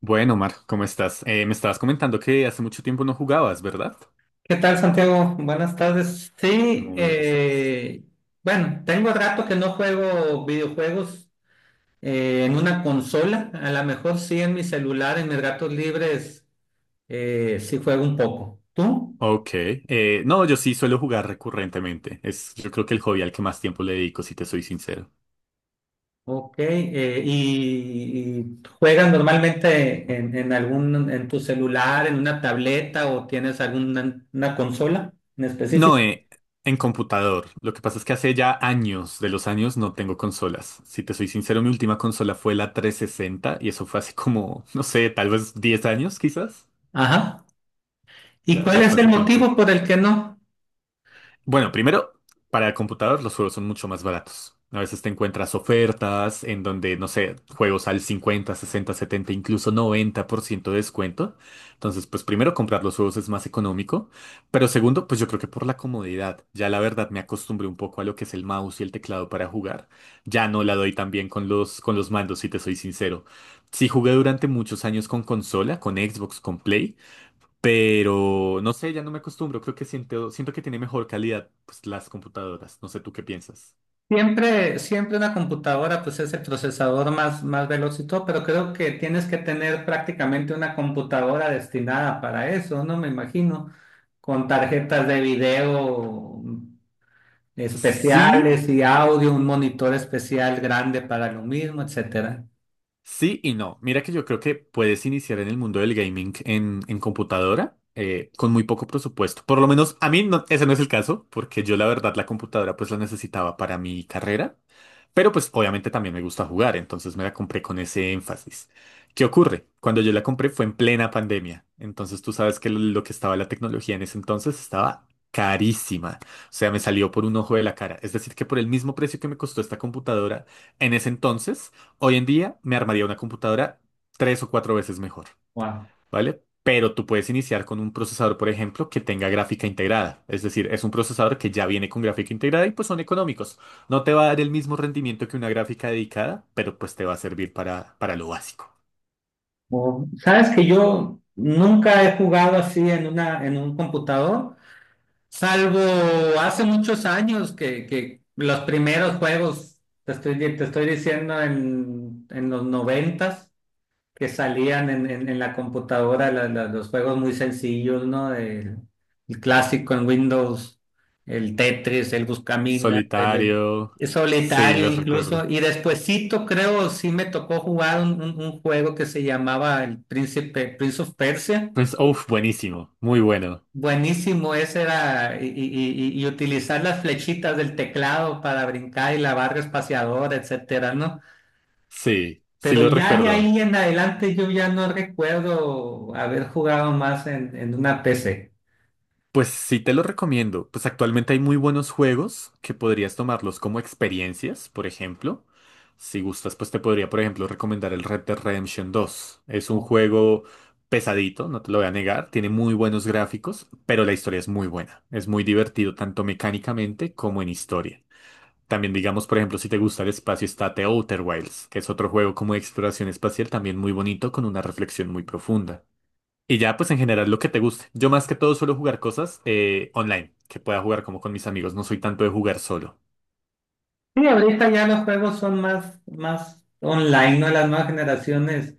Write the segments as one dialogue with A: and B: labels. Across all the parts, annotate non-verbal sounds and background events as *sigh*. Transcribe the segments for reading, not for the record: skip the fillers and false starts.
A: Bueno, Omar, ¿cómo estás? Me estabas comentando que hace mucho tiempo no jugabas, ¿verdad?
B: ¿Qué tal, Santiago? Buenas tardes. Sí,
A: Muy bien, estás.
B: bueno, tengo rato que no juego videojuegos en una consola. A lo mejor sí en mi celular, en mis ratos libres, sí juego un poco. ¿Tú?
A: Ok. No, yo sí suelo jugar recurrentemente. Es, yo creo que el hobby al que más tiempo le dedico, si te soy sincero.
B: Ok. Y juegas normalmente en tu celular, en una tableta o tienes alguna una consola en
A: No,
B: específico?
A: en computador. Lo que pasa es que hace ya años de los años no tengo consolas. Si te soy sincero, mi última consola fue la 360 y eso fue hace como, *laughs* no sé, tal vez 10 años quizás.
B: Ajá. ¿Y
A: Ya,
B: cuál
A: ya
B: es
A: fue
B: el
A: hace tiempo.
B: motivo por el que no?
A: Bueno, primero, para el computador los juegos son mucho más baratos. A veces te encuentras ofertas en donde, no sé, juegos al 50, 60, 70, incluso 90% de descuento. Entonces, pues primero comprar los juegos es más económico. Pero segundo, pues yo creo que por la comodidad. Ya la verdad me acostumbré un poco a lo que es el mouse y el teclado para jugar. Ya no la doy tan bien con los mandos, si te soy sincero. Sí jugué durante muchos años con consola, con Xbox, con Play. Pero no sé, ya no me acostumbro. Creo que siento que tiene mejor calidad pues, las computadoras. No sé tú qué piensas.
B: Siempre, siempre una computadora pues es el procesador más, más veloz y todo, pero creo que tienes que tener prácticamente una computadora destinada para eso, ¿no? Me imagino, con tarjetas de video
A: Sí,
B: especiales y audio, un monitor especial grande para lo mismo, etcétera.
A: sí y no. Mira que yo creo que puedes iniciar en el mundo del gaming en computadora con muy poco presupuesto. Por lo menos a mí no- ese no es el caso, porque yo la verdad la computadora pues la necesitaba para mi carrera, pero pues obviamente también me gusta jugar, entonces me la compré con ese énfasis. ¿Qué ocurre? Cuando yo la compré fue en plena pandemia, entonces tú sabes que lo que estaba la tecnología en ese entonces estaba carísima, o sea, me salió por un ojo de la cara, es decir, que por el mismo precio que me costó esta computadora en ese entonces, hoy en día me armaría una computadora 3 o 4 veces mejor,
B: Wow.
A: ¿vale? Pero tú puedes iniciar con un procesador, por ejemplo, que tenga gráfica integrada. Es decir, es un procesador que ya viene con gráfica integrada y pues son económicos. No te va a dar el mismo rendimiento que una gráfica dedicada, pero pues te va a servir para lo básico.
B: Sabes que yo nunca he jugado así en una, en un computador. Salvo hace muchos años que los primeros juegos, te estoy diciendo en los noventas, que salían en la computadora los juegos muy sencillos, ¿no? El clásico en Windows, el Tetris, el Buscaminas, el,
A: Solitario.
B: el
A: Sí,
B: solitario
A: los
B: incluso.
A: recuerdo.
B: Y despuesito creo sí me tocó jugar un juego que se llamaba el Príncipe, Prince of Persia.
A: Pues, uff, buenísimo. Muy bueno.
B: Buenísimo, ese era, y, y utilizar las flechitas del teclado para brincar y la barra espaciadora, etcétera, ¿no?
A: Sí, sí
B: Pero
A: lo
B: ya de
A: recuerdo.
B: ahí en adelante yo ya no recuerdo haber jugado más en una PC.
A: Pues sí te lo recomiendo. Pues actualmente hay muy buenos juegos que podrías tomarlos como experiencias, por ejemplo. Si gustas, pues te podría, por ejemplo, recomendar el Red Dead Redemption dos. Es un juego pesadito, no te lo voy a negar. Tiene muy buenos gráficos, pero la historia es muy buena. Es muy divertido, tanto mecánicamente como en historia. También digamos, por ejemplo, si te gusta el espacio, está The Outer Wilds, que es otro juego como de exploración espacial, también muy bonito, con una reflexión muy profunda. Y ya, pues en general lo que te guste. Yo más que todo suelo jugar cosas online, que pueda jugar como con mis amigos. No soy tanto de jugar solo.
B: Sí, ahorita ya los juegos son más, más online, ¿no? Las nuevas generaciones.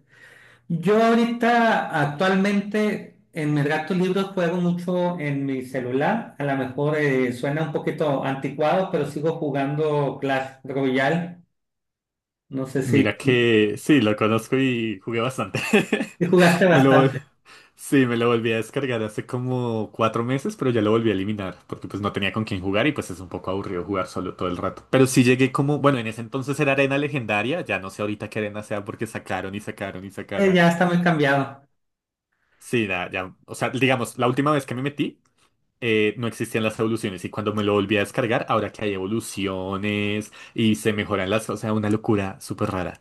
B: Yo ahorita actualmente en mis gatos libros juego mucho en mi celular. A lo mejor suena un poquito anticuado, pero sigo jugando Clash Royale. No sé si,
A: Mira que sí, lo conozco y jugué bastante.
B: si jugaste
A: *laughs* Me lo, vol-
B: bastante.
A: sí, me lo volví a descargar hace como 4 meses, pero ya lo volví a eliminar, porque pues no tenía con quién jugar y pues es un poco aburrido jugar solo todo el rato. Pero sí llegué como, bueno, en ese entonces era arena legendaria, ya no sé ahorita qué arena sea porque sacaron y sacaron y
B: Eh,
A: sacaron.
B: ya está muy cambiado.
A: Sí, ya ya, o sea, digamos, la última vez que me metí. No existían las evoluciones y cuando me lo volví a descargar, ahora que hay evoluciones y se mejoran las, o sea, una locura súper rara.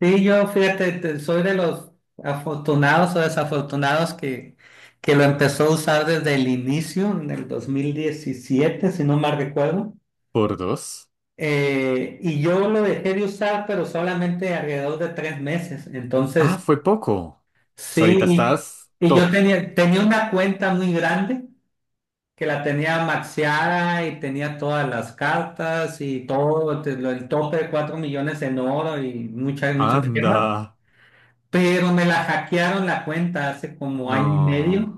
B: Sí, yo fíjate, soy de los afortunados o desafortunados que lo empezó a usar desde el inicio, en el 2017 si no mal recuerdo.
A: Por dos.
B: Y yo lo dejé de usar, pero solamente alrededor de 3 meses.
A: Ah,
B: Entonces,
A: fue poco. So, ahorita
B: sí,
A: estás
B: y yo
A: top.
B: tenía una cuenta muy grande que la tenía maxiada y tenía todas las cartas y todo, el tope de 4 millones en oro y muchas, muchas gemas.
A: Anda.
B: Pero me la hackearon la cuenta hace como año y
A: No.
B: medio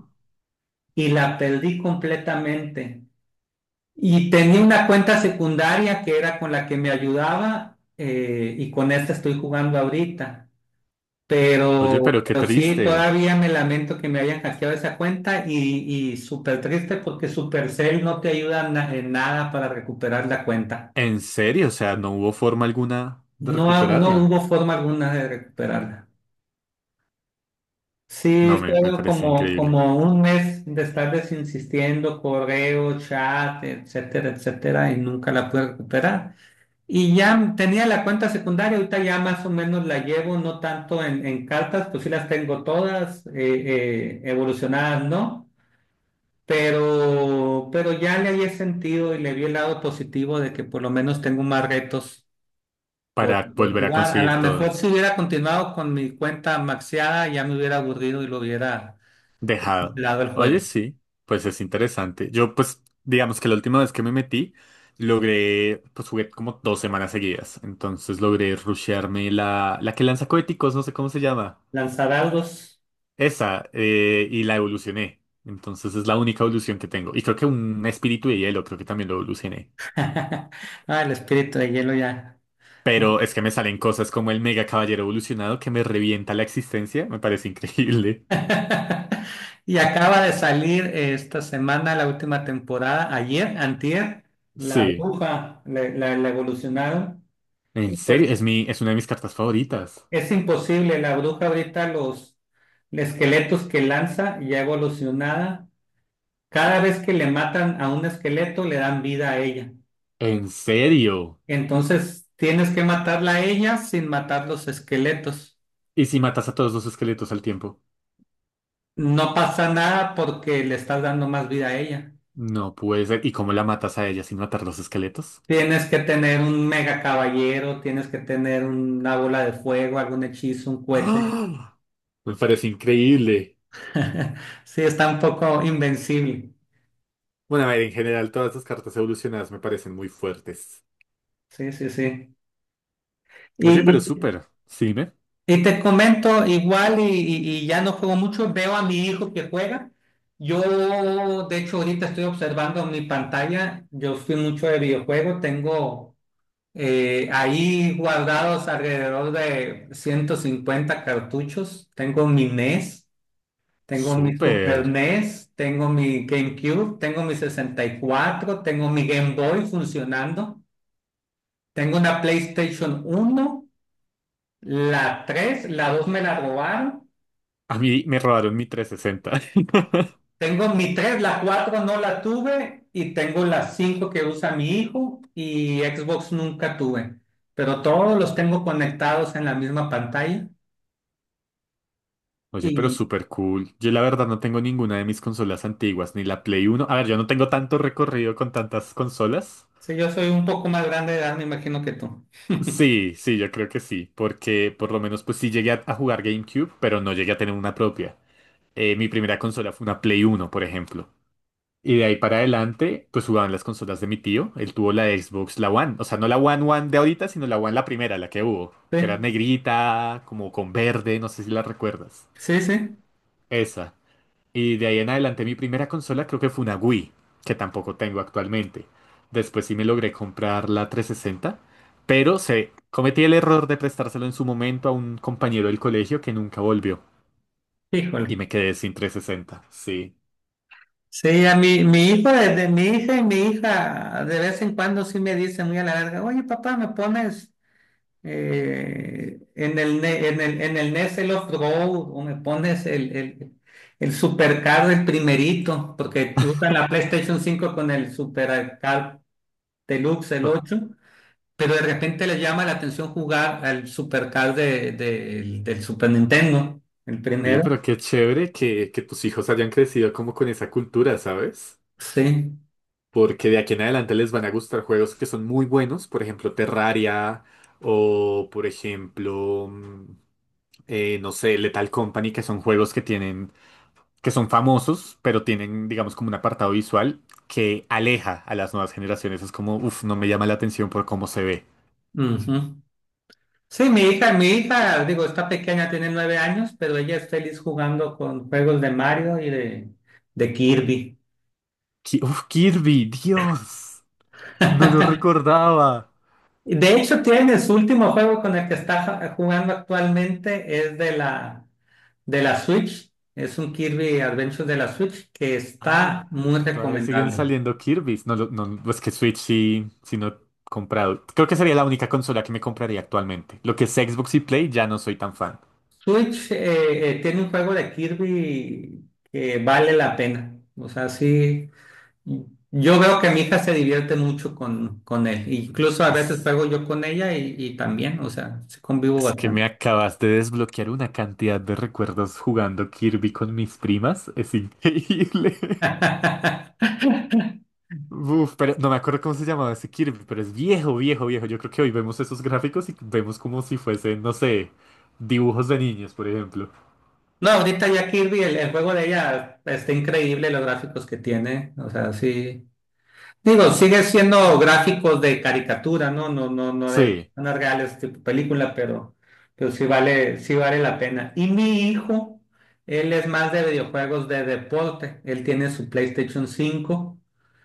B: y la perdí completamente. Y tenía una cuenta secundaria que era con la que me ayudaba y con esta estoy jugando ahorita.
A: Oye,
B: Pero,
A: pero qué
B: pero sí,
A: triste.
B: todavía me lamento que me hayan hackeado esa cuenta y súper triste porque Supercell no te ayuda en nada para recuperar la cuenta.
A: En serio, o sea, no hubo forma alguna de
B: No, no hubo
A: recuperarla.
B: forma alguna de recuperarla.
A: No,
B: Sí,
A: me
B: fueron
A: parece
B: como,
A: increíble.
B: como un mes de estarles insistiendo, correo, chat, etcétera, etcétera, y nunca la pude recuperar. Y ya tenía la cuenta secundaria, ahorita ya más o menos la llevo, no tanto en cartas, pues sí las tengo todas, evolucionadas, ¿no? Pero ya le había sentido y le vi el lado positivo de que por lo menos tengo más retos por,
A: Para
B: por
A: volver a
B: jugar. A
A: conseguir
B: lo mejor
A: todo.
B: si hubiera continuado con mi cuenta maxiada, ya me hubiera aburrido y lo hubiera
A: Dejado.
B: dado el juego.
A: Oye, sí, pues es interesante. Yo, pues, digamos que la última vez que me metí, logré, pues jugué como 2 semanas seguidas. Entonces logré rushearme la que lanza coheticos, no sé cómo se llama.
B: Lanzadaudos.
A: Esa, y la evolucioné. Entonces es la única evolución que tengo. Y creo que un espíritu de hielo, creo que también lo evolucioné.
B: *laughs* Ah, el espíritu de hielo ya.
A: Pero es que me salen cosas como el mega caballero evolucionado que me revienta la existencia. Me parece increíble.
B: *laughs* Y acaba de salir esta semana la última temporada, ayer, antier, La
A: Sí.
B: Bruja, la evolucionaron. Y
A: En
B: pues
A: serio, es mi, es una de mis cartas favoritas.
B: es imposible, la bruja ahorita los esqueletos que lanza ya evolucionada, cada vez que le matan a un esqueleto le dan vida a ella.
A: En serio.
B: Entonces tienes que matarla a ella sin matar los esqueletos.
A: ¿Y si matas a todos los esqueletos al tiempo?
B: No pasa nada porque le estás dando más vida a ella.
A: No puede ser. ¿Y cómo la matas a ella sin matar los esqueletos?
B: Tienes que tener un mega caballero, tienes que tener una bola de fuego, algún hechizo, un cohete.
A: ¡Ah! Me parece increíble.
B: *laughs* Sí, está un poco invencible.
A: Bueno, a ver, en general, todas las cartas evolucionadas me parecen muy fuertes.
B: Sí, sí, sí. Y,
A: Oye, pero
B: y-
A: súper. Sí, me.
B: y te comento, igual, y ya no juego mucho, veo a mi hijo que juega. Yo, de hecho, ahorita estoy observando mi pantalla. Yo fui mucho de videojuego, tengo ahí guardados alrededor de 150 cartuchos. Tengo mi NES. Tengo mi
A: Súper.
B: Super NES, tengo mi GameCube, tengo mi 64, tengo mi Game Boy funcionando, tengo una PlayStation 1, la 3, la 2 me la robaron,
A: A mí me robaron mi 360.
B: tengo mi 3, la 4 no la tuve y tengo la 5 que usa mi hijo y Xbox nunca tuve, pero todos los tengo conectados en la misma pantalla.
A: *laughs* Oye, pero
B: Y
A: súper cool. Yo la verdad no tengo ninguna de mis consolas antiguas, ni la Play Uno. A ver, yo no tengo tanto recorrido con tantas consolas.
B: si yo soy un poco más grande de edad, me imagino que tú. *laughs*
A: Sí, sí, yo creo que sí, porque por lo menos pues sí llegué a jugar GameCube, pero no llegué a tener una propia. Mi primera consola fue una Play Uno, por ejemplo. Y de ahí para adelante, pues jugaban las consolas de mi tío. Él tuvo la Xbox, la One. O sea, no la One One de ahorita, sino la One la primera, la que hubo. Que era
B: Sí,
A: negrita, como con verde, no sé si la recuerdas.
B: sí, sí,
A: Esa. Y de ahí en adelante mi primera consola creo que fue una Wii, que tampoco tengo actualmente. Después sí me logré comprar la 360, pero se cometí el error de prestárselo en su momento a un compañero del colegio que nunca volvió y
B: híjole.
A: me quedé sin 360. Sí.
B: Sí, a mi hijo, desde mi hija y mi hija, de vez en cuando sí me dicen muy a la larga, oye papá, ¿me pones en el NES el Off-Road o me pones el Supercar el primerito? Porque usan la PlayStation 5 con el Supercar Deluxe, el
A: O-
B: ocho, pero de repente le llama la atención jugar al Supercar del Super Nintendo, el
A: Oye,
B: primero.
A: pero qué chévere que tus hijos hayan crecido como con esa cultura, ¿sabes?
B: Sí.
A: Porque de aquí en adelante les van a gustar juegos que son muy buenos, por ejemplo Terraria o por ejemplo... no sé, Lethal Company, que son juegos que tienen, que son famosos, pero tienen, digamos, como un apartado visual que aleja a las nuevas generaciones. Es como, uff, no me llama la atención por cómo se ve.
B: Ujú. Sí, mi hija, digo, está pequeña, tiene 9 años, pero ella es feliz jugando con juegos de Mario y de Kirby.
A: Uf, Kirby, Dios, no lo recordaba.
B: Y de hecho, tiene su último juego con el que está jugando actualmente, es de la Switch. Es un Kirby Adventure de la Switch que
A: Ah,
B: está muy
A: todavía siguen
B: recomendable.
A: saliendo Kirby's. No, no, es que Switch sí, sí no he comprado. Creo que sería la única consola que me compraría actualmente. Lo que es Xbox y Play ya no soy tan fan.
B: Switch tiene un juego de Kirby que vale la pena. O sea, sí. Yo veo que mi hija se divierte mucho con él. Incluso a veces juego yo con ella y también, o sea, sí convivo
A: Es que me
B: bastante.
A: acabas de desbloquear una cantidad de recuerdos jugando Kirby con mis primas. Es increíble. *laughs*
B: *laughs*
A: Uf, pero no me acuerdo cómo se llamaba ese Kirby, pero es viejo, viejo, viejo. Yo creo que hoy vemos esos gráficos y vemos como si fuesen, no sé, dibujos de niños, por ejemplo.
B: No, ahorita ya Kirby, el juego de ella está increíble, los gráficos que tiene. O sea, sí. Digo, sigue siendo gráficos de caricatura, ¿no? No, no, no de
A: Sí,
B: unas reales tipo película, pero sí vale, sí vale la pena. Y mi hijo, él es más de videojuegos de deporte. Él tiene su PlayStation 5.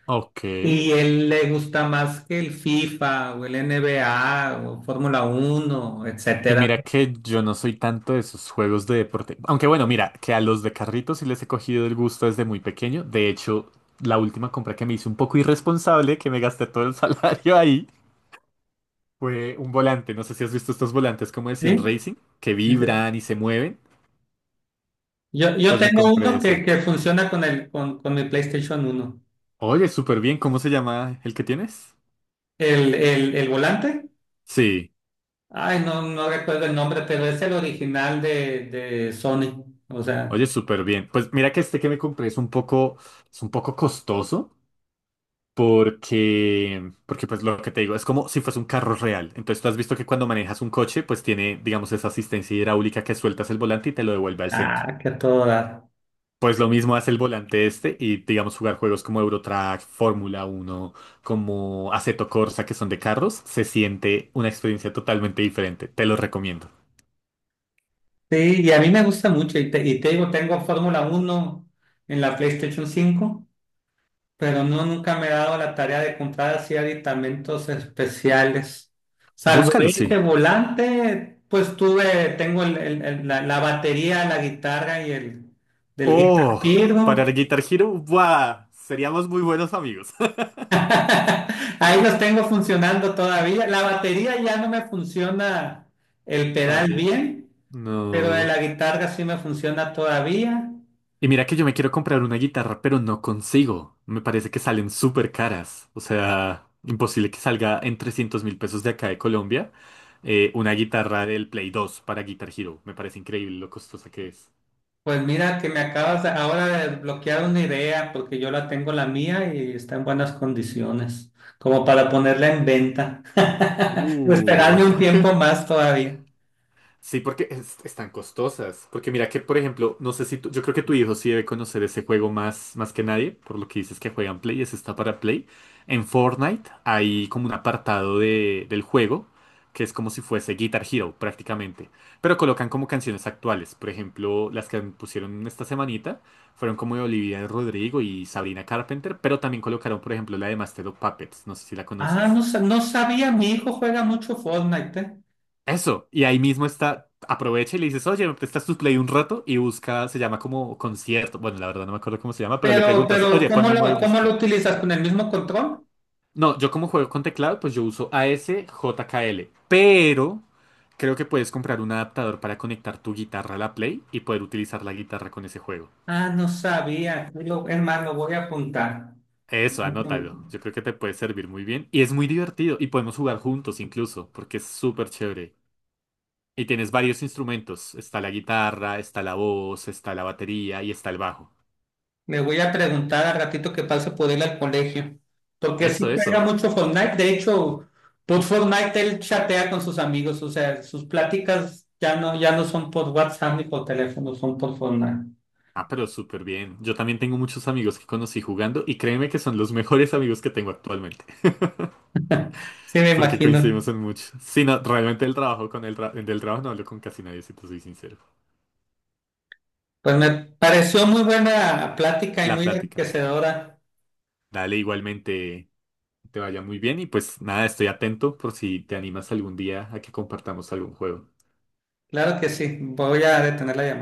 A: ok.
B: Y él le gusta más que el FIFA o el NBA o Fórmula 1,
A: Y
B: etcétera.
A: mira que yo no soy tanto de esos juegos de deporte. Aunque bueno, mira, que a los de carritos sí les he cogido el gusto desde muy pequeño. De hecho, la última compra que me hice un poco irresponsable, que me gasté todo el *laughs* salario ahí. Fue un volante, no sé si has visto estos volantes como de Sim
B: ¿Sí?
A: Racing, que vibran y se mueven.
B: Yo
A: Pues me
B: tengo
A: compré
B: uno que,
A: ese.
B: que funciona con mi PlayStation 1.
A: Oye, súper bien, ¿cómo se llama el que tienes?
B: El volante.
A: Sí,
B: Ay, no, no recuerdo el nombre, pero es el original de Sony. O sea,
A: oye, súper bien. Pues mira que este que me compré es es un poco costoso porque, porque pues lo que te digo, es como si fuese un carro real. Entonces tú has visto que cuando manejas un coche, pues tiene, digamos, esa asistencia hidráulica que sueltas el volante y te lo devuelve al centro.
B: que a todo dar.
A: Pues lo mismo hace el volante este y digamos jugar juegos como Eurotrack, Fórmula Uno, como Assetto Corsa que son de carros, se siente una experiencia totalmente diferente. Te lo recomiendo.
B: Sí, y a mí me gusta mucho. Y te digo, tengo Fórmula 1 en la PlayStation 5. Pero no nunca me he dado la tarea de comprar así aditamentos especiales. Salvo
A: Búscalo,
B: este
A: sí.
B: volante, pues tuve, tengo la batería, la guitarra y el del Guitar
A: Oh, para
B: Hero.
A: el Guitar Hero, ¡buah! Seríamos muy buenos amigos.
B: *laughs* Ahí los tengo funcionando todavía. La batería ya no me funciona el
A: *laughs*
B: pedal
A: También.
B: bien, pero de la
A: No.
B: guitarra sí me funciona todavía.
A: Y mira que yo me quiero comprar una guitarra, pero no consigo. Me parece que salen súper caras. O sea, imposible que salga en 300.000 pesos de acá de Colombia una guitarra del Play 2 para Guitar Hero. Me parece increíble lo costosa que es.
B: Pues mira que me acabas ahora de bloquear una idea porque yo la tengo la mía y está en buenas condiciones, como para ponerla en venta. *laughs* O
A: Uh.
B: esperarme un tiempo más todavía.
A: Sí, porque están costosas. Porque mira que, por ejemplo, no sé si yo creo que tu hijo sí debe conocer ese juego más, más que nadie, por lo que dices que juegan Play, ese está para Play. En Fortnite hay como un apartado de, del juego que es como si fuese Guitar Hero prácticamente, pero colocan como canciones actuales. Por ejemplo, las que pusieron esta semanita fueron como de Olivia Rodrigo y Sabrina Carpenter, pero también colocaron, por ejemplo, la de Master of Puppets, no sé si la
B: Ah,
A: conoces.
B: no, no sabía, mi hijo juega mucho Fortnite, ¿eh?
A: Eso, y ahí mismo está, aprovecha y le dices, oye, ¿me prestas tu Play un rato? Y busca, se llama como concierto, bueno, la verdad no me acuerdo cómo se llama, pero le preguntas, oye,
B: ¿Cómo
A: ponme el modo de
B: lo, cómo lo
A: música.
B: utilizas? ¿Con el mismo control?
A: No, yo como juego con teclado, pues yo uso a s j k l pero creo que puedes comprar un adaptador para conectar tu guitarra a la Play y poder utilizar la guitarra con ese juego.
B: Ah, no sabía. Es más, lo voy a apuntar.
A: Eso, anótalo, yo creo que te puede servir muy bien y es muy divertido y podemos jugar juntos incluso, porque es súper chévere. Y tienes varios instrumentos. Está la guitarra, está la voz, está la batería y está el bajo.
B: Le voy a preguntar al ratito que pase por él al colegio. Porque sí
A: Eso,
B: juega
A: eso.
B: mucho Fortnite. De hecho, por Fortnite él chatea con sus amigos. O sea, sus pláticas ya no son por WhatsApp ni por teléfono, son por Fortnite.
A: Ah, pero súper bien. Yo también tengo muchos amigos que conocí jugando y créeme que son los mejores amigos que tengo actualmente,
B: Sí, me
A: *laughs* porque
B: imagino.
A: coincidimos en mucho. Sí, no, realmente el trabajo con el del trabajo no hablo con casi nadie, si te soy sincero.
B: Pues me pareció muy buena plática y
A: La
B: muy
A: plática.
B: enriquecedora.
A: Dale, igualmente te vaya muy bien y pues nada, estoy atento por si te animas algún día a que compartamos algún juego.
B: Claro que sí. Voy a detener la llamada.